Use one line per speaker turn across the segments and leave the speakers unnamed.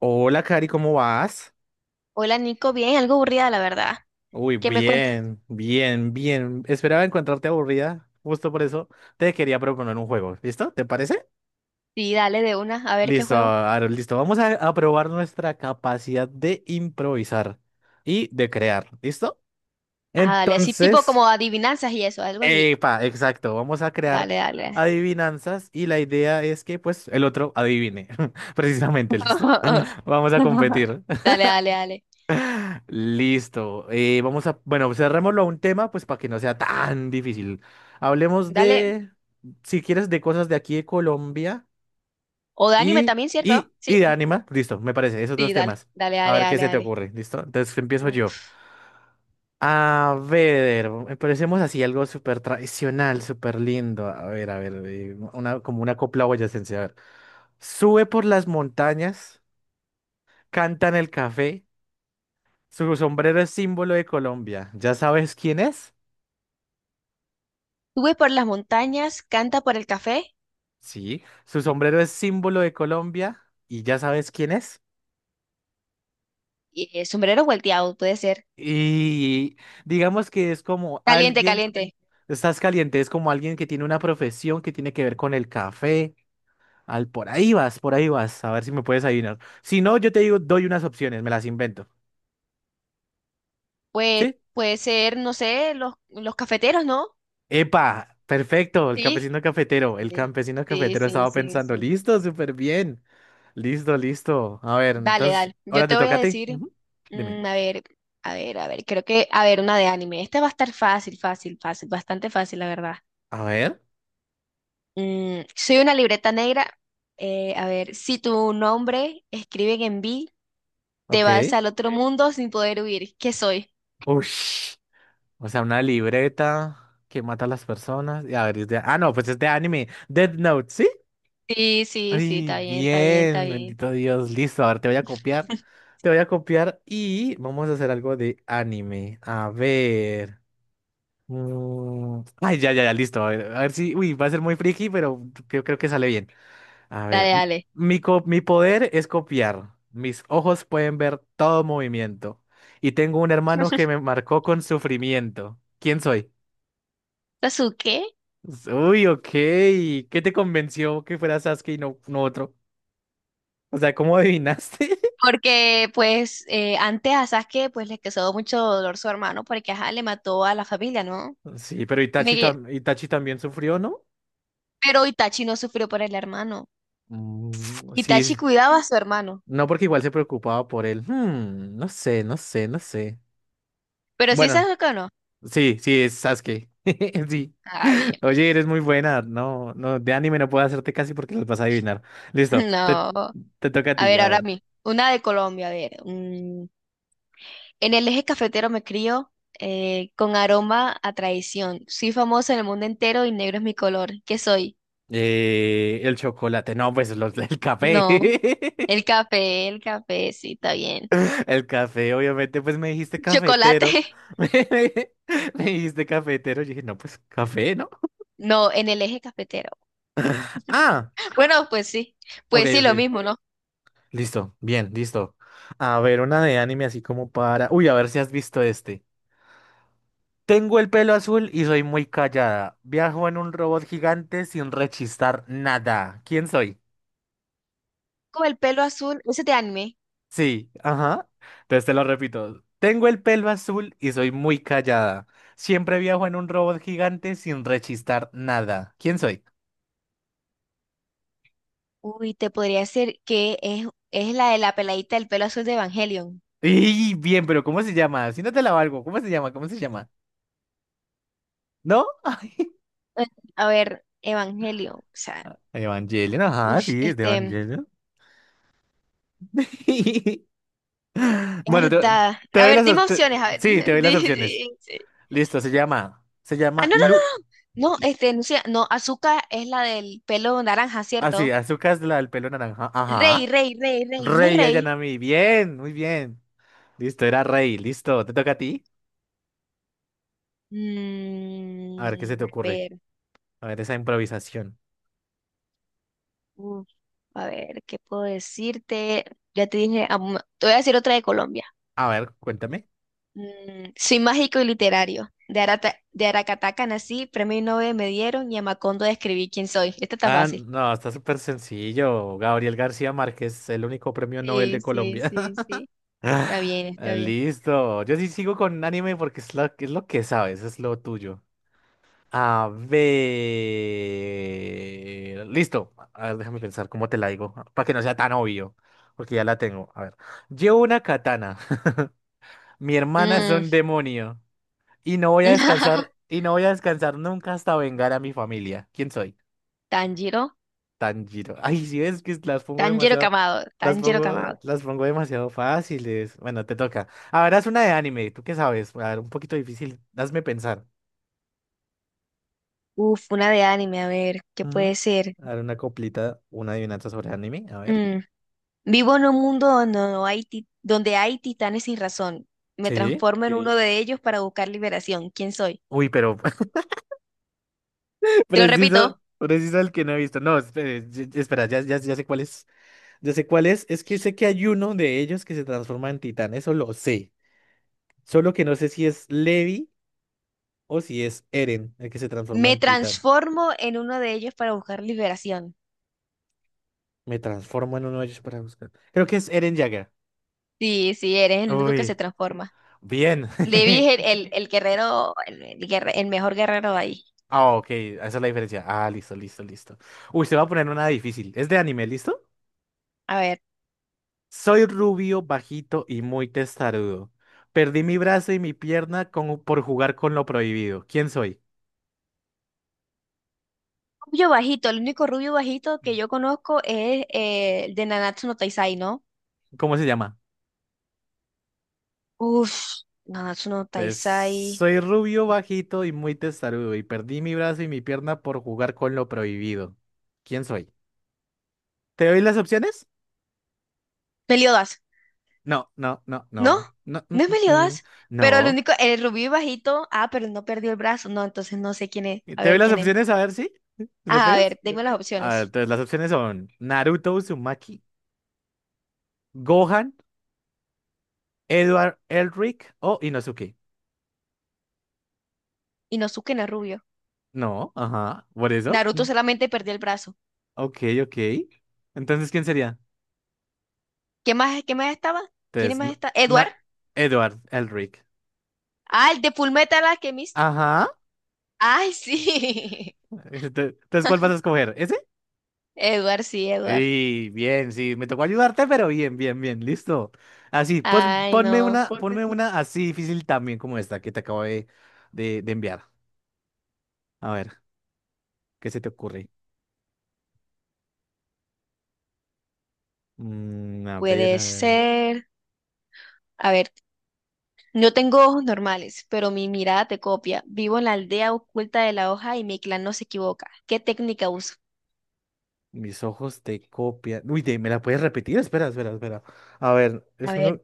Hola, Cari, ¿cómo vas?
Hola Nico, bien, algo aburrida la verdad.
Uy,
¿Qué me cuentas?
bien, bien, bien. Esperaba encontrarte aburrida, justo por eso te quería proponer un juego. ¿Listo? ¿Te parece?
Sí, dale de una, a ver qué
Listo,
juego.
Aaron, listo. Vamos a probar nuestra capacidad de improvisar y de crear. ¿Listo?
Ajá, dale, así tipo
Entonces,
como adivinanzas y eso, algo así.
epa, exacto. Vamos a crear
Dale, dale.
adivinanzas y la idea es que, pues, el otro adivine. Precisamente, ¿listo? Vamos a competir.
Dale, dale, dale.
Listo. Bueno, cerrémoslo a un tema, pues para que no sea tan difícil. Hablemos
Dale.
de, si quieres, de cosas de aquí de Colombia
O de anime
y,
también, ¿cierto?
y,
Sí,
y de Anima. Listo, me parece, esos dos
sí, dale.
temas.
Dale,
A
dale,
ver qué
dale,
se te
dale.
ocurre, ¿listo? Entonces empiezo yo.
Uf.
A ver, empecemos así, algo súper tradicional, súper lindo. A ver, una, como una copla boyacense. A ver, sube por las montañas, canta en el café, su sombrero es símbolo de Colombia. ¿Ya sabes quién es?
Sube por las montañas, canta por el café
Sí, su sombrero es símbolo de Colombia y ya sabes quién es.
y sombrero volteado, puede ser.
Y digamos que es como
Caliente,
alguien,
caliente.
estás caliente, es como alguien que tiene una profesión que tiene que ver con el café. Al, por ahí vas, a ver si me puedes adivinar. Si no, yo te digo, doy unas opciones, me las invento.
Pues
¿Sí?
puede ser, no sé, los cafeteros, ¿no?
Epa, perfecto,
Sí.
el
Sí,
campesino cafetero
sí, sí,
estaba
sí,
pensando,
sí.
listo, súper bien, listo, listo. A ver,
Dale,
entonces,
dale. Yo
ahora
te
te
voy
toca
a
a ti.
decir,
Ujú, dime.
a ver, creo que, a ver, una de anime. Esta va a estar fácil, fácil, fácil, bastante fácil, la verdad.
A ver,
Soy una libreta negra. A ver, si tu nombre escriben en B, te vas
ok.
al otro mundo sin poder huir. ¿Qué soy?
Ush. O sea, una libreta que mata a las personas. Y a ver, es de... Ah, no, pues es de anime. Death Note, ¿sí?
Sí, sí, sí,
Ay,
está bien, está bien, está
bien,
bien.
bendito Dios. Listo, a ver, te voy a copiar. Te voy a copiar y vamos a hacer algo de anime. A ver. Ay, ya, ya, ya, listo. A ver si. Uy, va a ser muy friki, pero yo creo que sale bien. A ver.
Dale, dale.
Mi poder es copiar. Mis ojos pueden ver todo movimiento. Y tengo un hermano que me marcó con sufrimiento. ¿Quién soy?
¿Sasuke?
Uy, ok. ¿Qué te convenció que fuera Sasuke y no otro? O sea, ¿cómo adivinaste?
Porque, pues, antes a Sasuke, pues, le causó mucho dolor su hermano porque, ajá, le mató a la familia, ¿no?
Sí, pero
Me,
Itachi también sufrió, ¿no?
Pero Itachi no sufrió por el hermano.
Mm, sí,
Itachi
s-
cuidaba a su hermano.
no porque igual se preocupaba por él. Hmm, no sé, no sé, no sé.
Pero sí se
Bueno,
que no.
sí, sí, es Sasuke. Sí.
Ah, bien,
Oye, eres muy buena. No, no, de anime no puedo hacerte casi porque las vas a adivinar.
bien.
Listo,
No.
te toca a
A
ti,
ver,
a
ahora a
ver.
mí. Una de Colombia, a ver. En el eje cafetero me crío con aroma a traición. Soy famosa en el mundo entero y negro es mi color. ¿Qué soy?
El chocolate, no, pues los, el café.
No. El café, sí, está bien.
El café, obviamente, pues me dijiste
Chocolate.
cafetero. Dijiste cafetero. Yo dije, no, pues café, ¿no?
No, en el eje cafetero.
Ah,
Bueno, pues sí.
ok,
Pues sí,
ok.
lo mismo, ¿no?
Listo, bien, listo. A ver, una de anime así como para. Uy, a ver si has visto este. Tengo el pelo azul y soy muy callada. Viajo en un robot gigante sin rechistar nada. ¿Quién soy?
Con el pelo azul, ese es de anime.
Sí, ajá. Entonces te lo repito. Tengo el pelo azul y soy muy callada. Siempre viajo en un robot gigante sin rechistar nada. ¿Quién soy?
Uy, te podría decir que es la de la peladita del pelo azul de Evangelion.
Y bien, pero ¿cómo se llama? Si no te la valgo, ¿cómo se llama? ¿Cómo se llama? ¿No? Ay,
Eh, A ver, Evangelion, o sea,
Evangelion, ajá,
ush,
sí, es de
este,
Evangelion. Bueno, te,
verdad.
te
A
doy
ver,
las,
dime
op- te-
opciones, a ver.
sí, te doy las opciones.
Sí.
Listo, se
Ah,
llama
no,
Lu,
no, no, no, este, no sé, no, Azuka es la del pelo naranja,
así,
¿cierto?
Azúcar es la del pelo naranja,
Rey,
ajá.
rey, rey, rey, no es
Rey
rey.
Ayanami, bien, muy bien. Listo, era Rey, listo, te toca a ti. A ver qué se te
A
ocurre.
ver,
A ver esa improvisación.
uf, a ver, ¿qué puedo decirte? Ya te dije, te voy a decir otra de Colombia.
A ver, cuéntame.
Soy mágico y literario. De Aracataca nací, premio Nobel me dieron y a Macondo describí quién soy. Esta está
Ah,
fácil.
no, está súper sencillo. Gabriel García Márquez, el único premio Nobel
Sí,
de
sí,
Colombia.
sí, sí. Está
Ah,
bien, está bien.
listo. Yo sí sigo con anime porque es lo que sabes, es lo tuyo. A ver. Listo. A ver, déjame pensar cómo te la digo. Para que no sea tan obvio. Porque ya la tengo. A ver. Llevo una katana. Mi hermana es
Mm.
un demonio. Y no voy a descansar nunca hasta vengar a mi familia. ¿Quién soy?
Tanjiro,
Tanjiro. Ay, si ves que las pongo
Tanjiro
demasiado,
Kamado, Tanjiro Kamado.
las pongo demasiado fáciles. Bueno, te toca. Ahora es una de anime, ¿tú qué sabes? A ver, un poquito difícil. Hazme pensar.
Uf, una de anime, a ver, ¿qué
Ujú.
puede ser?
A ver, una coplita, una adivinanza sobre anime, a ver.
Mm, Vivo en un mundo donde hay titanes sin razón. Me
Sí.
transformo en uno sí de ellos para buscar liberación. ¿Quién soy?
Uy, pero
Te lo
preciso,
repito,
preciso el que no he visto. No, espere, espera, ya, ya, ya sé cuál es. Ya sé cuál es. Es que sé que hay uno de ellos que se transforma en titán, eso lo sé. Solo que no sé si es Levi o si es Eren el que se transforma
me
en titán.
transformo en uno de ellos para buscar liberación.
Me transformo en uno de ellos para buscar. Creo que es Eren Jagger.
Sí, sí, eres el único que se
Uy,
transforma.
bien.
Levi es el guerrero, el el mejor guerrero de ahí.
Ah, ok, esa es la diferencia. Ah, listo, listo, listo. Uy, se va a poner una difícil. ¿Es de anime, listo?
A ver,
Soy rubio, bajito y muy testarudo. Perdí mi brazo y mi pierna por jugar con lo prohibido. ¿Quién soy?
rubio bajito, el único rubio bajito que yo conozco es el de Nanatsu no Taizai, ¿no?
¿Cómo se llama?
Uf, Nanatsu no
Entonces,
Taizai.
soy rubio, bajito y muy testarudo. Y perdí mi brazo y mi pierna por jugar con lo prohibido. ¿Quién soy? ¿Te doy las opciones?
Meliodas,
No, no, no,
¿no?
no, no,
No es Meliodas, pero el
no.
único, el rubio bajito, ah, pero no perdió el brazo, no, entonces no sé quién es,
¿Te
a
doy
ver
las
quién es.
opciones a ver si le
Ah, a
pegas?
ver, tengo las
A ver,
opciones.
entonces las opciones son Naruto Uzumaki, Gohan, Edward Elric o Inosuke.
Inosuke no es rubio.
No, ajá, por eso. Mm,
Naruto solamente perdió el brazo.
ok, ok. Entonces, ¿quién sería?
Qué más estaba? ¿Quién
Entonces,
más
na
está? Eduardo.
na- Edward Elric.
Ah, el de Fullmetal Alchemist.
Ajá.
Ay, sí.
Entonces, ¿cuál vas a escoger? ¿Ese?
Edward, sí, Edward.
Y bien, sí, me tocó ayudarte, pero bien, bien, bien, listo. Así, pues
Ay, no.
ponme una así difícil también como esta que te acabo de enviar. A ver, ¿qué se te ocurre? Mm, a ver,
Puede ser. A ver, no tengo ojos normales, pero mi mirada te copia. Vivo en la aldea oculta de la hoja y mi clan no se equivoca. ¿Qué técnica uso?
mis ojos te copian. Uy, ¿me la puedes repetir? Espera, espera, espera. A ver,
A
es uno.
ver,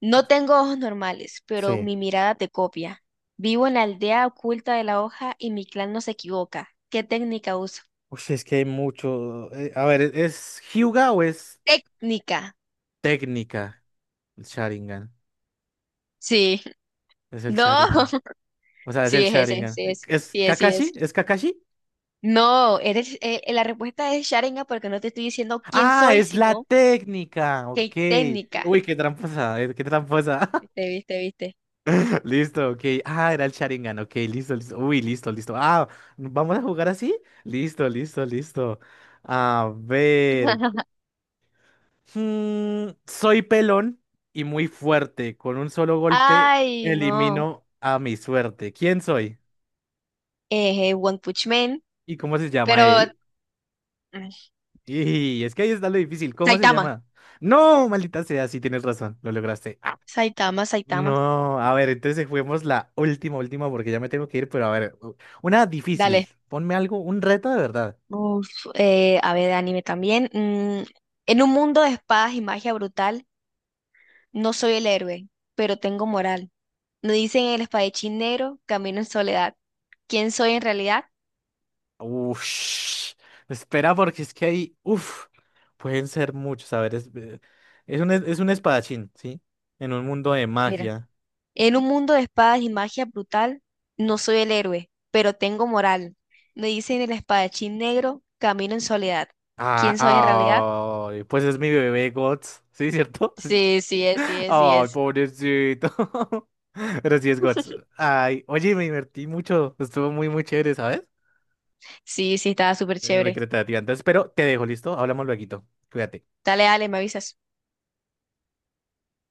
no tengo ojos normales, pero
Sí.
mi mirada te copia. Vivo en la aldea oculta de la hoja y mi clan no se equivoca. ¿Qué técnica uso?
Uy, es que hay mucho. A ver, ¿es Hyuga o es
Técnica.
técnica? El Sharingan.
Sí.
Es el
No.
Sharingan. O sea, es
Sí,
el
es ese,
Sharingan.
sí es,
¿Es
sí es, sí es.
Kakashi? ¿Es Kakashi?
No, eres, la respuesta es Sharingan porque no te estoy diciendo quién
Ah,
soy,
es la
sino
técnica. Ok.
qué técnica.
Uy, qué tramposa, qué tramposa.
Viste, viste, viste.
Listo, ok. Ah, era el Sharingan. Ok, listo, listo. Uy, listo, listo. Ah, ¿vamos a jugar así? Listo, listo, listo. A ver. Soy pelón y muy fuerte. Con un solo golpe
Ay, no.
elimino a mi suerte. ¿Quién soy?
One Punch Man,
¿Y cómo se
pero
llama él?
mm,
Y es que ahí está lo difícil. ¿Cómo se
Saitama,
llama? No, maldita sea, sí tienes razón. Lo lograste.
Saitama, Saitama.
No, a ver, entonces juguemos la última, última, porque ya me tengo que ir, pero a ver, una difícil.
Dale.
Ponme algo, un reto de verdad.
Uf, a ver, de anime también. En un mundo de espadas y magia brutal, no soy el héroe, pero tengo moral. Me dicen el espadachín negro, camino en soledad. ¿Quién soy en realidad?
Uff, espera, porque es que hay, uff, pueden ser muchos. A ver, es un espadachín, ¿sí? En un mundo de
Mira.
magia.
En un mundo de espadas y magia brutal, no soy el héroe, pero tengo moral. Me dicen el espadachín negro, camino en soledad. ¿Quién soy en realidad?
Ah, ay, pues es mi bebé Guts, ¿sí, cierto?
Sí, sí es, sí es, sí
Ay,
es.
pobrecito. Pero sí es Guts. Ay, oye, me divertí mucho, estuvo muy, muy chévere, ¿sabes?
Sí, sí, estaba súper
Es muy
chévere.
creativa. Entonces, pero te dejo, ¿listo? Hablamos lueguito. Cuídate.
Dale, dale, me avisas.